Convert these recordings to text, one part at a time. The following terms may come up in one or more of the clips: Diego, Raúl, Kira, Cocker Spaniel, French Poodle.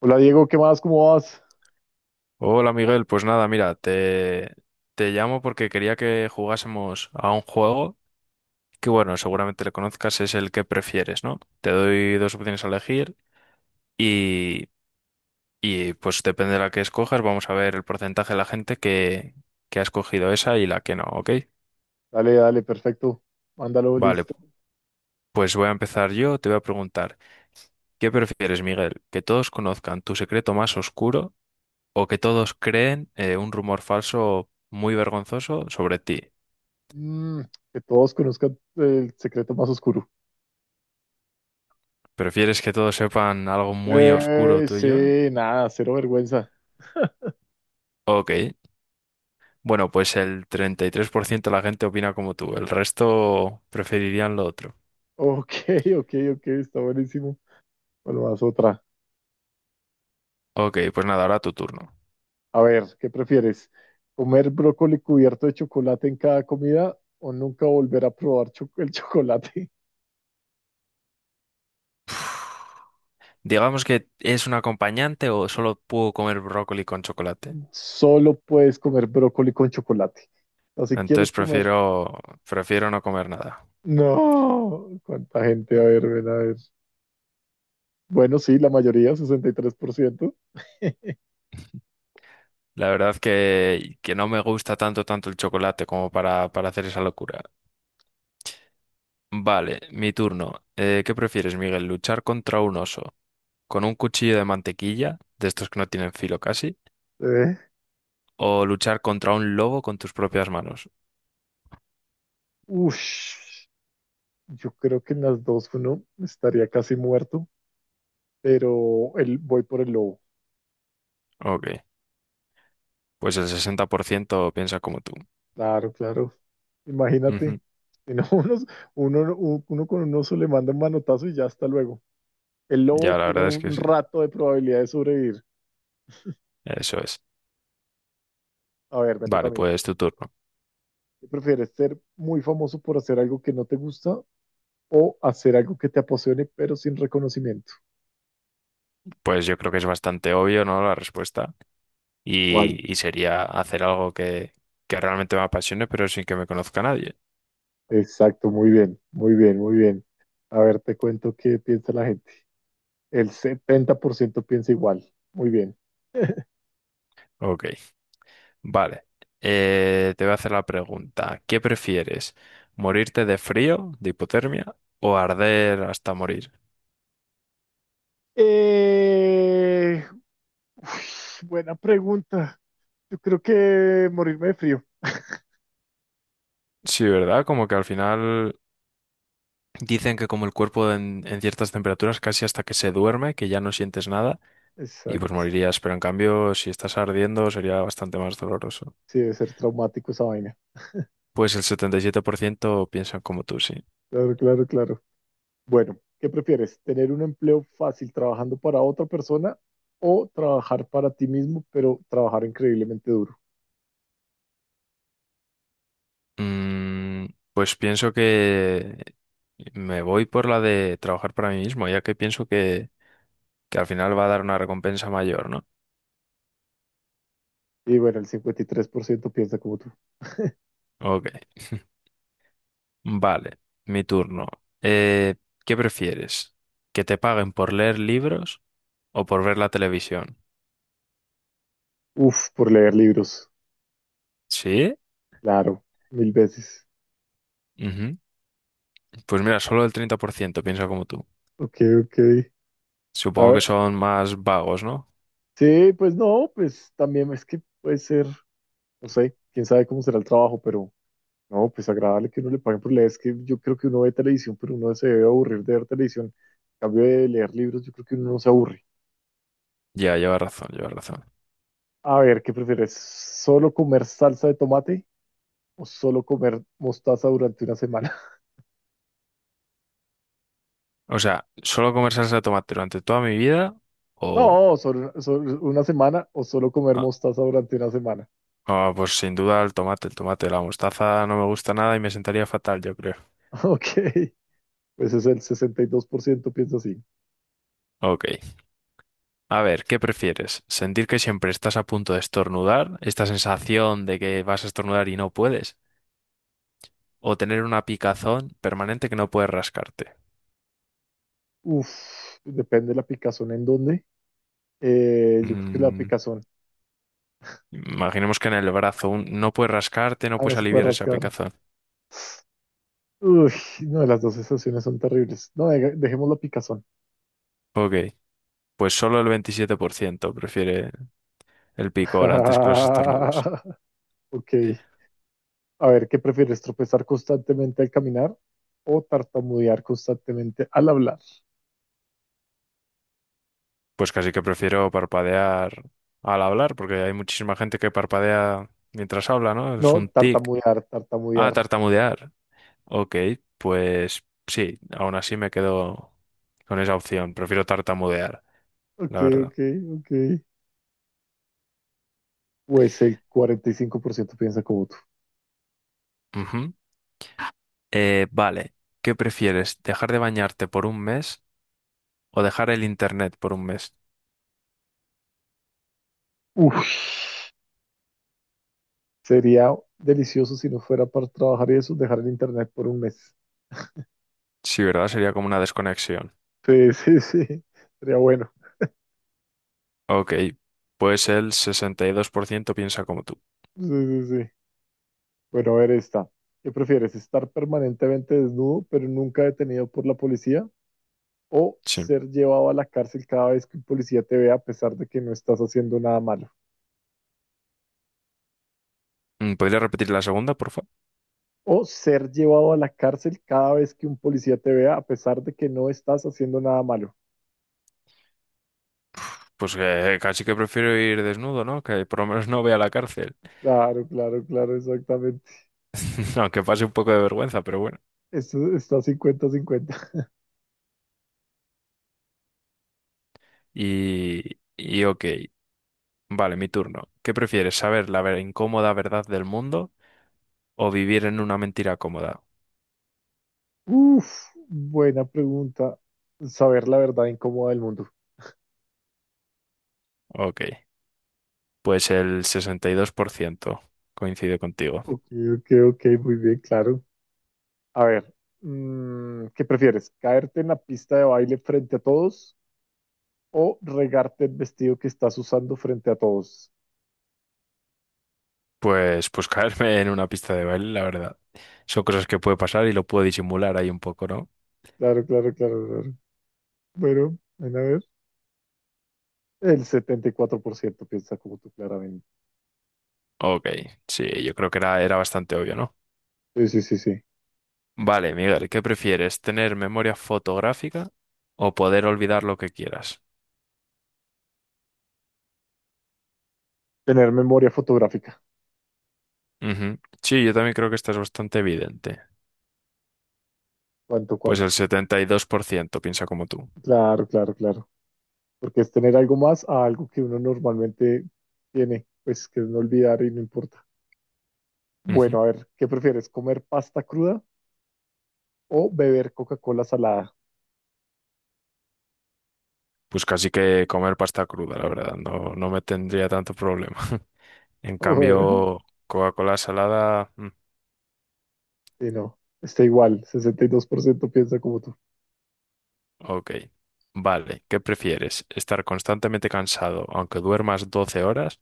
Hola Diego, ¿qué más? ¿Cómo vas? Hola Miguel, pues nada, mira, te llamo porque quería que jugásemos a un juego que bueno, seguramente le conozcas, es el que prefieres, ¿no? Te doy dos opciones a elegir y, y, pues depende de la que escojas, vamos a ver el porcentaje de la gente que ha escogido esa y la que no, ¿ok? Dale, dale, perfecto. Mándalo, Vale, listo. pues voy a empezar yo, te voy a preguntar, ¿qué prefieres, Miguel? ¿Que todos conozcan tu secreto más oscuro o que todos creen un rumor falso muy vergonzoso sobre ti? Mm, que todos conozcan el secreto más oscuro. ¿Prefieres que todos sepan algo muy oscuro tuyo? Sí, nada, cero vergüenza. Ok. Bueno, pues el 33% de la gente opina como tú, el resto preferirían lo otro. Ok, ok, ok, está buenísimo. Bueno, vas otra. Ok, pues nada, ahora tu turno. A ver, ¿qué prefieres? ¿Comer brócoli cubierto de chocolate en cada comida o nunca volver a probar el chocolate? Digamos que es un acompañante o solo puedo comer brócoli con chocolate. Solo puedes comer brócoli con chocolate. O si quieres Entonces comer. prefiero no comer nada. No, cuánta gente, a ver, ven a ver. Bueno, sí, la mayoría, 63%. La verdad que no me gusta tanto, tanto el chocolate como para hacer esa locura. Vale, mi turno. ¿Qué prefieres, Miguel? ¿Luchar contra un oso con un cuchillo de mantequilla, de estos que no tienen filo casi, Eh, o luchar contra un lobo con tus propias manos? Ush, yo creo que en las dos uno estaría casi muerto, pero voy por el lobo. Ok, pues el 60% piensa como tú. Claro, claro. Imagínate. Ujú. Si no, uno con un oso le manda un manotazo y ya hasta luego. El lobo Ya, la tiene verdad es que un sí, rato de probabilidad de sobrevivir. eso es. A ver, me toca a Vale, mí. pues tu turno. ¿Qué prefieres, ser muy famoso por hacer algo que no te gusta o hacer algo que te apasione pero sin reconocimiento? Pues yo creo que es bastante obvio, ¿no? La respuesta. ¿Cuál? Y sería hacer algo que realmente me apasione, pero sin que me conozca nadie. Exacto, muy bien, muy bien, muy bien. A ver, te cuento qué piensa la gente. El 70% piensa igual. Muy bien. Ok, vale. Te voy a hacer la pregunta. ¿Qué prefieres? ¿Morirte de frío, de hipotermia, o arder hasta morir? Eh, Uf, buena pregunta. Yo creo que morirme de frío. Sí, ¿verdad? Como que al final dicen que como el cuerpo en ciertas temperaturas casi hasta que se duerme, que ya no sientes nada y pues Exacto. morirías, pero en cambio si estás ardiendo sería bastante más doloroso. Sí, debe ser traumático esa vaina. Pues el 77% piensan como tú, sí. Claro, claro, claro. Bueno, ¿qué prefieres? ¿Tener un empleo fácil trabajando para otra persona o trabajar para ti mismo, pero trabajar increíblemente duro? Mm, pues pienso que me voy por la de trabajar para mí mismo, ya que pienso que al final va a dar una recompensa mayor, ¿no? Y bueno, el 53% piensa como tú. Ok, vale, mi turno. Eh, ¿Qué prefieres? ¿Que te paguen por leer libros? O por ver la televisión. Uf, por leer libros, ¿Sí? claro, mil veces. Ujú. Pues mira, solo el 30% piensa como tú. Ok, ok. A Supongo que ver, son más vagos, ¿no? sí, pues no, pues también es que puede ser, no sé, quién sabe cómo será el trabajo, pero no, pues agradable que uno le paguen por leer. Es que yo creo que uno ve televisión, pero uno se debe aburrir de ver televisión. En cambio de leer libros, yo creo que uno no se aburre. Ya, lleva razón, lleva razón. A ver, ¿qué prefieres? ¿Solo comer salsa de tomate o solo comer mostaza durante una semana? O sea, solo comer salsa de tomate durante toda mi vida o. No, solo una semana o solo comer Ah, mostaza durante una semana. ah, pues sin duda el tomate, la mostaza no me gusta nada y me sentaría fatal, yo creo. Ok. Pues es el 62% piensa así. Ok. A ver, ¿qué prefieres? ¿Sentir que siempre estás a punto de estornudar? ¿Esta sensación de que vas a estornudar y no puedes? ¿O tener una picazón permanente que no puedes rascarte? Uf, depende de la picazón en dónde. Yo creo que la Mm, picazón. Imaginemos que en el brazo no puedes rascarte, no Ah, no puedes se puede aliviar esa rascar. picazón. Uy, no, las dos sensaciones son terribles. No, dejemos la picazón. Ok, pues solo el 27% prefiere el picor antes que los estornudos. Ok. A ver, ¿qué prefieres? ¿Tropezar constantemente al caminar o tartamudear constantemente al hablar? Pues casi que prefiero parpadear al hablar, porque hay muchísima gente que parpadea mientras habla, ¿no? No, Es un tic. tartamudear, Ah, tartamudear. tartamudear. Ok, pues sí, aún así me quedo con esa opción. Prefiero tartamudear, Ok, la verdad. ok, ok. Pues el 45% piensa como tú. Ujú. Vale, ¿qué prefieres? ¿Dejar de bañarte por un mes o dejar el internet por un mes? Uf. Sería delicioso si no fuera para trabajar y eso, dejar el internet por un mes. Sí, ¿verdad? Sería como una desconexión. Sí, sí, sí. Sería bueno. Ok, pues el 62% piensa como tú. Sí, sí, sí. Bueno, a ver esta. ¿Qué prefieres? ¿Estar permanentemente desnudo, pero nunca detenido por la policía? ¿O Sí. ser llevado a la cárcel cada vez que un policía te vea a pesar de que no estás haciendo nada malo? ¿Podría repetir la segunda, por favor? ¿O ser llevado a la cárcel cada vez que un policía te vea a pesar de que no estás haciendo nada malo? Pues que casi que prefiero ir desnudo, ¿no? Que por lo menos no vea la cárcel. Claro, claro, claro, exactamente. Aunque pase un poco de vergüenza, pero bueno. Esto está cincuenta-cincuenta. Y, ok, vale, mi turno. ¿Qué prefieres, saber la incómoda verdad del mundo o vivir en una mentira cómoda? Uf, buena pregunta. Saber la verdad incómoda del mundo. Ok, pues el 62% coincide contigo. Ok, ok, ok, muy bien, claro. A ver, ¿qué prefieres? ¿Caerte en la pista de baile frente a todos o regarte el vestido que estás usando frente a todos? Pues caerme en una pista de baile, la verdad. Son cosas que puede pasar y lo puedo disimular ahí un poco, ¿no? Claro, claro, claro, claro. Bueno, ven a ver. El 74% piensa como tú, claramente. Ok, sí, yo creo que era bastante obvio, ¿no? Sí, sí, sí, sí. Vale, Miguel, ¿qué prefieres? ¿Tener memoria fotográfica o poder olvidar lo que quieras? Tener memoria fotográfica. Ujú. Sí, yo también creo que esta es bastante evidente. ¿Cuánto, Pues cuánto? el 72% piensa como tú. Claro, claro, claro. Porque es tener algo más a algo que uno normalmente tiene, pues que es no olvidar y no importa. Ujú. Bueno, a ver, ¿qué prefieres? ¿Comer pasta cruda o beber Coca-Cola salada? Pues casi que comer pasta cruda, la verdad, no, no me tendría tanto problema. En Bueno, cambio, Coca-Cola salada. Y no, está igual, 62% piensa como tú. Ok, vale. ¿Qué prefieres? ¿Estar constantemente cansado aunque duermas 12 horas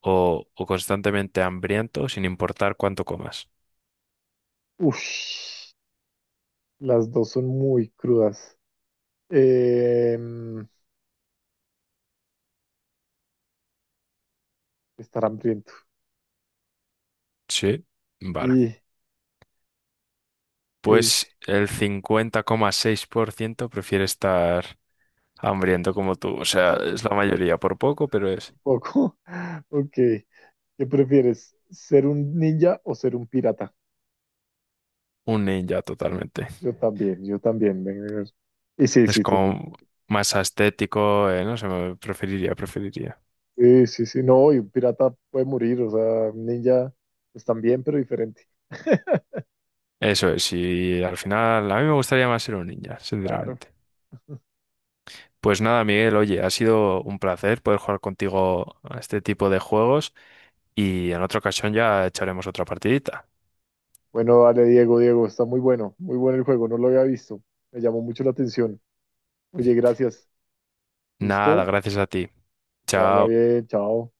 o constantemente hambriento sin importar cuánto comas? Uf, las dos son muy crudas. Eh, Estar hambriento. Sí, vale. Y, y- Pues el 50,6% prefiere estar hambriento como tú. O sea, es la mayoría por poco, pero es un poco. Ok, ¿qué prefieres? ¿Ser un ninja o ser un pirata? un ninja totalmente. Yo también, yo también. Ven, ven, ven. Y sí, Es sí, sí, como más estético, no sé, preferiría, preferiría. sí, sí, sí, no, y un pirata puede morir, o sea, un ninja, pues también, pero diferente. Eso es, y al final a mí me gustaría más ser un ninja, Claro. sinceramente. Pues nada, Miguel, oye, ha sido un placer poder jugar contigo a este tipo de juegos y en otra ocasión ya echaremos otra partidita. Bueno, dale, Diego, Diego, está muy bueno, muy bueno el juego, no lo había visto. Me llamó mucho la atención. Oye, gracias. Nada, ¿Listo? gracias a ti. Que vaya Chao. bien, chao.